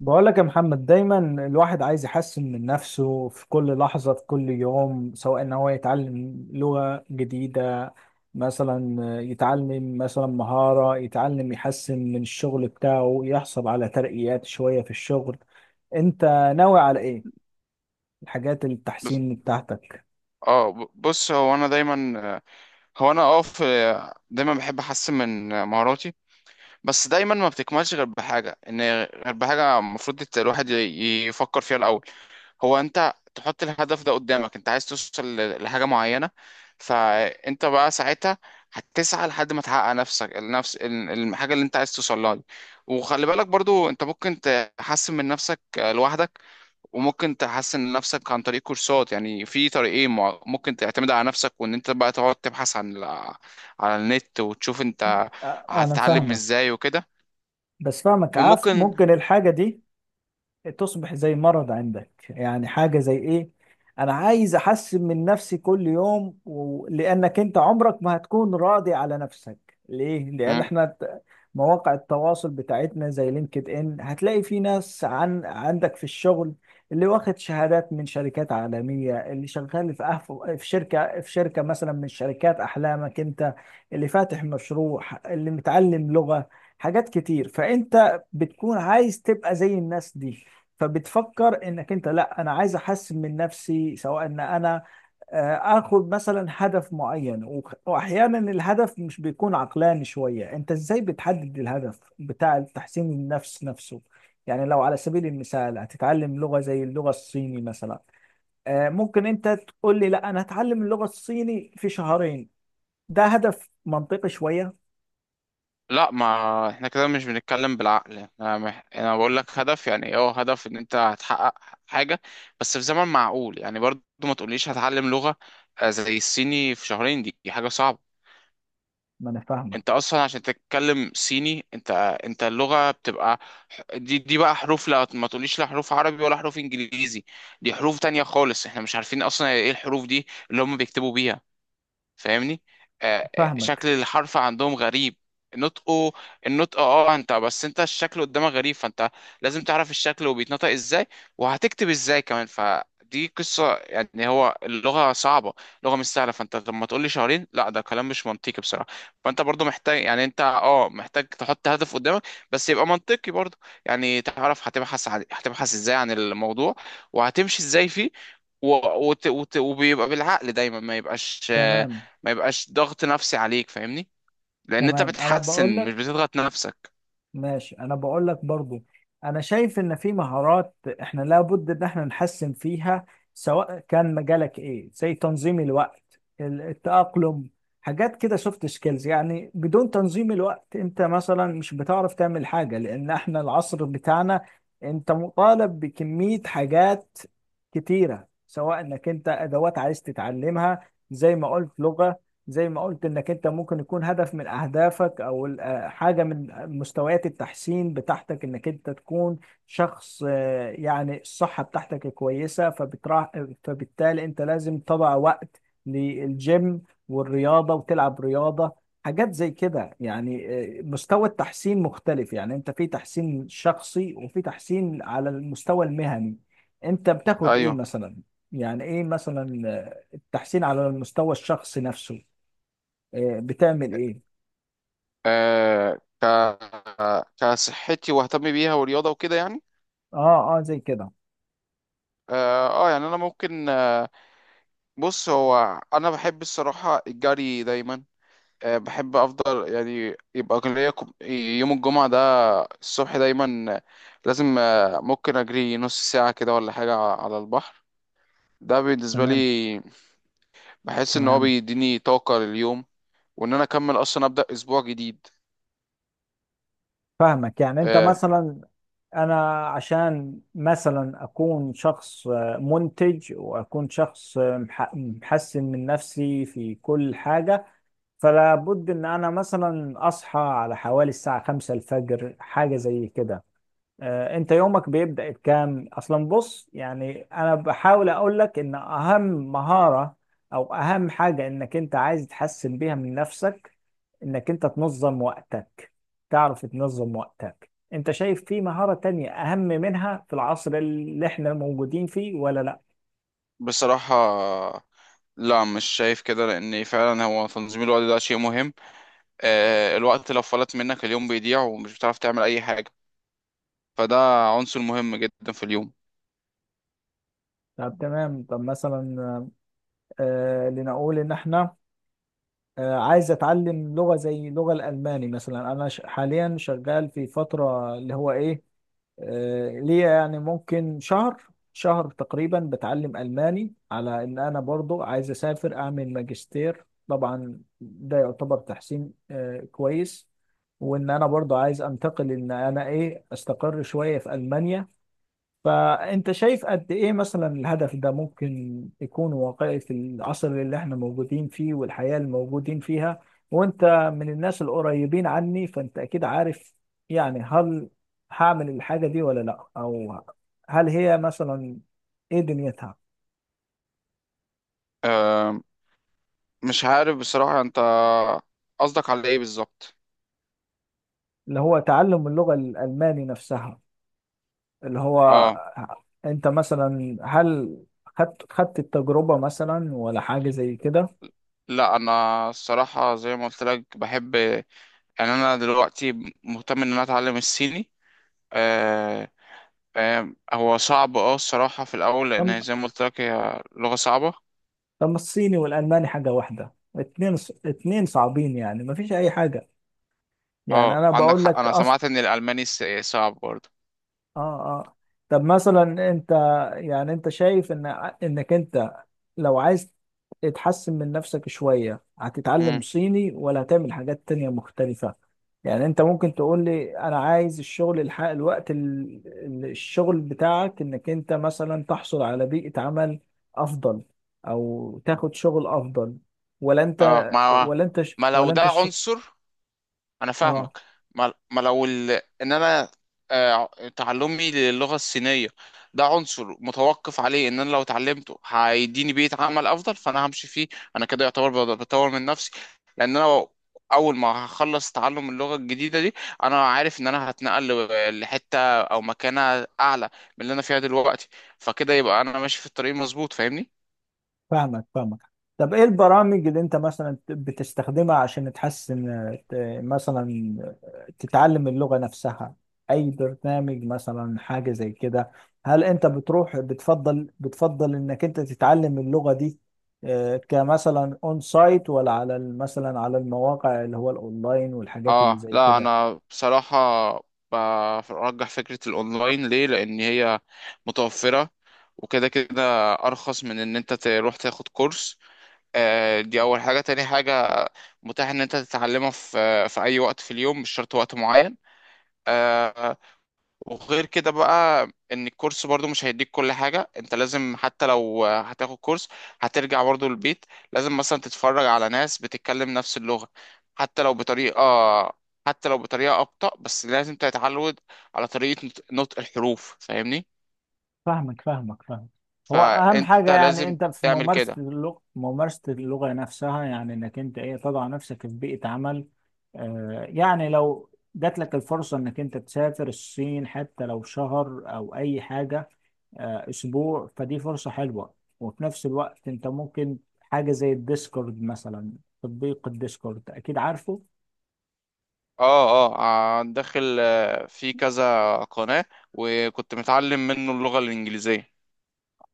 بقول لك يا محمد دايما الواحد عايز يحسن من نفسه في كل لحظة في كل يوم، سواء ان هو يتعلم لغة جديدة مثلا، يتعلم مثلا مهارة، يتعلم يحسن من الشغل بتاعه، يحصل على ترقيات شوية في الشغل. انت ناوي على ايه الحاجات بس، التحسين بتاعتك؟ بص. هو انا دايما، هو انا اه في دايما بحب احسن من مهاراتي. بس دايما ما بتكملش غير بحاجه، غير بحاجه المفروض الواحد يفكر فيها الاول. هو انت تحط الهدف ده قدامك، انت عايز توصل لحاجه معينه، فانت بقى ساعتها هتسعى لحد ما تحقق نفسك، الحاجه اللي انت عايز توصل لها دي. وخلي بالك برضو، انت ممكن تحسن من نفسك لوحدك، وممكن تحسن نفسك عن طريق كورسات، يعني في طريقين، ممكن تعتمد على نفسك وان انت بقى تقعد تبحث على النت وتشوف انت انا هتتعلم فاهمك، ازاي وكده، بس فاهمك. عارف وممكن. ممكن الحاجة دي تصبح زي مرض عندك، يعني حاجة زي ايه. انا عايز احسن من نفسي كل يوم. لانك انت عمرك ما هتكون راضي على نفسك، ليه؟ لان مم. احنا مواقع التواصل بتاعتنا زي لينكد ان، هتلاقي في ناس عندك في الشغل اللي واخد شهادات من شركات عالمية، اللي شغال في في شركة، في شركة مثلا من شركات احلامك انت، اللي فاتح مشروع، اللي متعلم لغة، حاجات كتير. فانت بتكون عايز تبقى زي الناس دي، فبتفكر انك انت، لا انا عايز احسن من نفسي. سواء ان انا اخد مثلا هدف معين واحيانا الهدف مش بيكون عقلاني شوية. انت ازاي بتحدد الهدف بتاع تحسين النفس نفسه؟ يعني لو على سبيل المثال هتتعلم لغة زي اللغة الصيني مثلا، ممكن انت تقول لي لا انا هتعلم اللغة الصيني في شهرين، ده هدف منطقي شوية؟ لا، ما احنا كده مش بنتكلم بالعقل، انا بقول لك هدف، يعني هدف ان انت هتحقق حاجة بس في زمن معقول. يعني برضو ما تقوليش هتعلم لغة زي الصيني في شهرين، دي حاجة صعبة. ما انا فاهمك، انت اصلا عشان تتكلم صيني، انت اللغة بتبقى دي بقى حروف. لا، ما تقوليش لا حروف عربي ولا حروف انجليزي، دي حروف تانية خالص، احنا مش عارفين اصلا ايه الحروف دي اللي هم بيكتبوا بيها، فاهمني؟ فاهمك. شكل الحرف عندهم غريب، نطقه النطق، انت بس، انت الشكل قدامك غريب، فانت لازم تعرف الشكل وبيتنطق ازاي وهتكتب ازاي كمان، فدي قصة. يعني هو اللغة صعبة، اللغة مش سهلة، فانت لما تقول لي شهرين لا، ده كلام مش منطقي بصراحة. فانت برضو محتاج، يعني انت محتاج تحط هدف قدامك بس يبقى منطقي برضو. يعني تعرف هتبحث ازاي عن الموضوع وهتمشي ازاي فيه، و... وبيبقى بالعقل دايما، ما يبقاش آه، تمام، ما يبقاش ضغط نفسي عليك، فاهمني؟ لان انت تمام، انا بقول بتحسن مش لك، بتضغط نفسك. ماشي. انا بقول لك برضو، انا شايف ان في مهارات احنا لابد ان احنا نحسن فيها، سواء كان مجالك ايه، زي تنظيم الوقت، التأقلم، حاجات كده، سوفت سكيلز يعني. بدون تنظيم الوقت انت مثلا مش بتعرف تعمل حاجة، لان احنا العصر بتاعنا انت مطالب بكمية حاجات كتيرة، سواء انك انت ادوات عايز تتعلمها زي ما قلت لغة، زي ما قلت انك انت ممكن يكون هدف من اهدافك، او حاجه من مستويات التحسين بتاعتك، انك انت تكون شخص يعني الصحه بتاعتك كويسه فبترا، فبالتالي انت لازم تضع وقت للجيم والرياضه وتلعب رياضه، حاجات زي كده يعني. مستوى التحسين مختلف، يعني انت في تحسين شخصي وفي تحسين على المستوى المهني. انت بتاخد ايه ايوه. مثلا؟ يعني ايه مثلا التحسين على المستوى الشخصي نفسه، بتعمل ايه؟ آه ك كصحتي، واهتم بيها والرياضه وكده يعني. اه زي كده. يعني انا ممكن، بص، هو انا بحب الصراحه الجري دايما، بحب افضل يعني، يبقى كان ليا يوم الجمعه ده الصبح دايما، لازم، ممكن اجري نص ساعه كده ولا حاجه على البحر، ده بالنسبه لي، تمام، بحس ان هو تمام، بيديني طاقه لليوم وان انا اكمل اصلا ابدا اسبوع جديد. فاهمك. يعني انت آه مثلا، انا عشان مثلا اكون شخص منتج، واكون شخص محسن من نفسي في كل حاجة، فلا بد ان انا مثلا اصحى على حوالي الساعة 5 الفجر، حاجة زي كده. انت يومك بيبدأ بكام اصلا؟ بص، يعني انا بحاول اقول لك ان اهم مهارة او اهم حاجة انك انت عايز تحسن بيها من نفسك انك انت تنظم وقتك. تعرف تنظم وقتك؟ انت شايف في مهارة تانية اهم منها في العصر اللي احنا موجودين فيه ولا لا؟ بصراحه، لا مش شايف كده، لان فعلا هو تنظيم الوقت ده شيء مهم. الوقت لو فلت منك اليوم بيضيع ومش بتعرف تعمل اي حاجه، فده عنصر مهم جدا في اليوم. طب تمام. طب مثلا لنقول ان احنا، عايز اتعلم لغة زي اللغة الألماني مثلا. انا حاليا شغال في فترة اللي هو ايه، ليا يعني ممكن شهر تقريبا بتعلم ألماني، على إن أنا برضو عايز أسافر أعمل ماجستير. طبعا ده يعتبر تحسين كويس، وإن أنا برضو عايز أنتقل، إن أنا إيه، أستقر شوية في ألمانيا. فأنت شايف قد إيه مثلا الهدف ده ممكن يكون واقعي في العصر اللي إحنا موجودين فيه والحياة اللي موجودين فيها؟ وأنت من الناس القريبين عني فأنت أكيد عارف، يعني هل هعمل الحاجة دي ولا لأ، أو هل هي مثلا إيه دنيتها؟ آه مش عارف بصراحه، انت قصدك على ايه بالظبط؟ اللي هو تعلم اللغة الألماني نفسها. اللي هو اه، أنت مثلا هل خدت التجربة مثلا ولا حاجة زي كده؟ لا انا الصراحه زي ما قلت لك بحب، يعني انا دلوقتي مهتم ان انا اتعلم الصيني. آه، فاهم هو صعب، الصراحة في الأول، لأن طب، هي زي ما قلت لك هي لغة صعبة. طب ما الصيني والالماني حاجه واحده، اتنين، اتنين صعبين، يعني ما فيش اي حاجه. يعني اه، انا عندك بقول حق، لك. أنا سمعت إن الألماني صعب برضه. اه، اه، طب مثلا انت، يعني انت شايف ان انك انت لو عايز تحسن من نفسك شوية هتتعلم مم. صيني ولا هتعمل حاجات تانية مختلفة؟ يعني انت ممكن تقول لي انا عايز الشغل، الحق الوقت الشغل بتاعك، انك انت مثلا تحصل على بيئة عمل افضل او تاخد شغل افضل، اه، ما ما لو ولا ده انت الشغل. عنصر، انا اه، فاهمك، ما لو ان انا آه، تعلمي للغة الصينية، ده عنصر متوقف عليه ان انا لو اتعلمته هيديني بيئة عمل افضل فانا همشي فيه. انا كده يعتبر بطور من نفسي، لان انا اول ما هخلص تعلم اللغة الجديدة دي انا عارف ان انا هتنقل لحتة او مكانة اعلى من اللي انا فيها دلوقتي، فكده يبقى انا ماشي في الطريق مظبوط، فاهمني؟ فاهمك، فاهمك. طب ايه البرامج اللي انت مثلا بتستخدمها عشان تحسن، ت- مثلا تتعلم اللغة نفسها؟ اي برنامج مثلا، حاجة زي كده. هل انت بتروح، بتفضل انك انت تتعلم اللغة دي كمثلا اون سايت، ولا على مثلا على المواقع اللي هو الاونلاين والحاجات اللي اه، زي لا كده؟ انا بصراحة برجح فكرة الاونلاين، ليه؟ لان هي متوفرة، وكده كده ارخص من ان انت تروح تاخد كورس. دي اول حاجة. تاني حاجة، متاح ان انت تتعلمها في اي وقت في اليوم، مش شرط وقت معين. آه، وغير كده بقى، ان الكورس برضو مش هيديك كل حاجة، انت لازم حتى لو هتاخد كورس هترجع برضو البيت، لازم مثلا تتفرج على ناس بتتكلم نفس اللغة، حتى لو بطريقة، حتى لو بطريقة أبطأ، بس لازم تتعود على طريقة نطق الحروف، فاهمني؟ فاهمك، فاهمك، فاهمك. هو اهم حاجه فانت يعني لازم انت في تعمل ممارسه كده. اللغه، ممارسه اللغه نفسها، يعني انك انت ايه تضع نفسك في بيئه عمل. آه، يعني لو جات لك الفرصه انك انت تسافر الصين حتى لو شهر او اي حاجه، آه، اسبوع، فدي فرصه حلوه. وفي نفس الوقت انت ممكن حاجه زي الديسكورد مثلا، تطبيق الديسكورد اكيد عارفه. داخل في كذا قناة، وكنت متعلم منه اللغة الإنجليزية.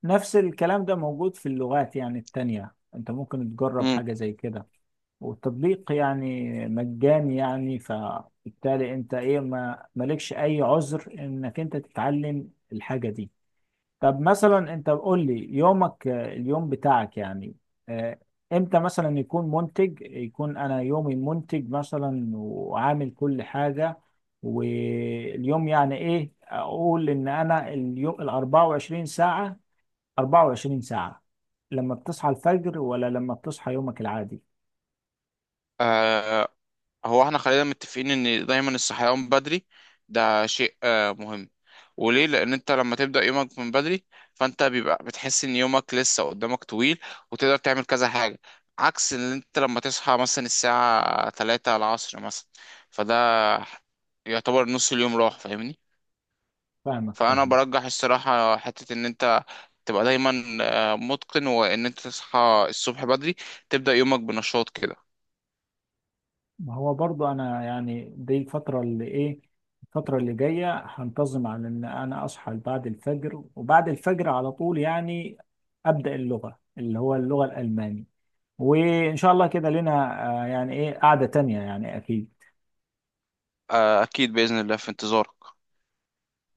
نفس الكلام ده موجود في اللغات يعني التانية، انت ممكن تجرب مم. حاجه زي كده. والتطبيق يعني مجاني يعني، فبالتالي انت ايه ما مالكش اي عذر انك انت تتعلم الحاجة دي. طب مثلا انت قول لي يومك، اليوم بتاعك يعني آه، امتى مثلا يكون منتج؟ يكون انا يومي منتج مثلا وعامل كل حاجة. واليوم يعني ايه؟ اقول ان انا اليوم ال 24 ساعة، 24 ساعة، لما بتصحى الفجر ولا لما بتصحى يومك العادي؟ هو احنا خلينا متفقين ان دايما الصحيان بدري ده شيء مهم، وليه؟ لان انت لما تبدا يومك من بدري فانت بيبقى بتحس ان يومك لسه قدامك طويل، وتقدر تعمل كذا حاجه، عكس ان انت لما تصحى مثلا الساعه 3 العصر مثلا، فده يعتبر نص اليوم راح، فاهمني؟ فاهمك، فانا فاهمك. برجح الصراحه حته ان انت تبقى دايما متقن، وان انت تصحى الصبح بدري، تبدا يومك بنشاط كده. ما هو برضه انا يعني دي الفتره اللي ايه، الفتره اللي جايه هنتظم على ان انا اصحى بعد الفجر، وبعد الفجر على طول يعني ابدا اللغه اللي هو اللغه الالماني، وان شاء الله كده لنا يعني ايه قعده تانية يعني اكيد. اكيد باذن الله في انتظارك.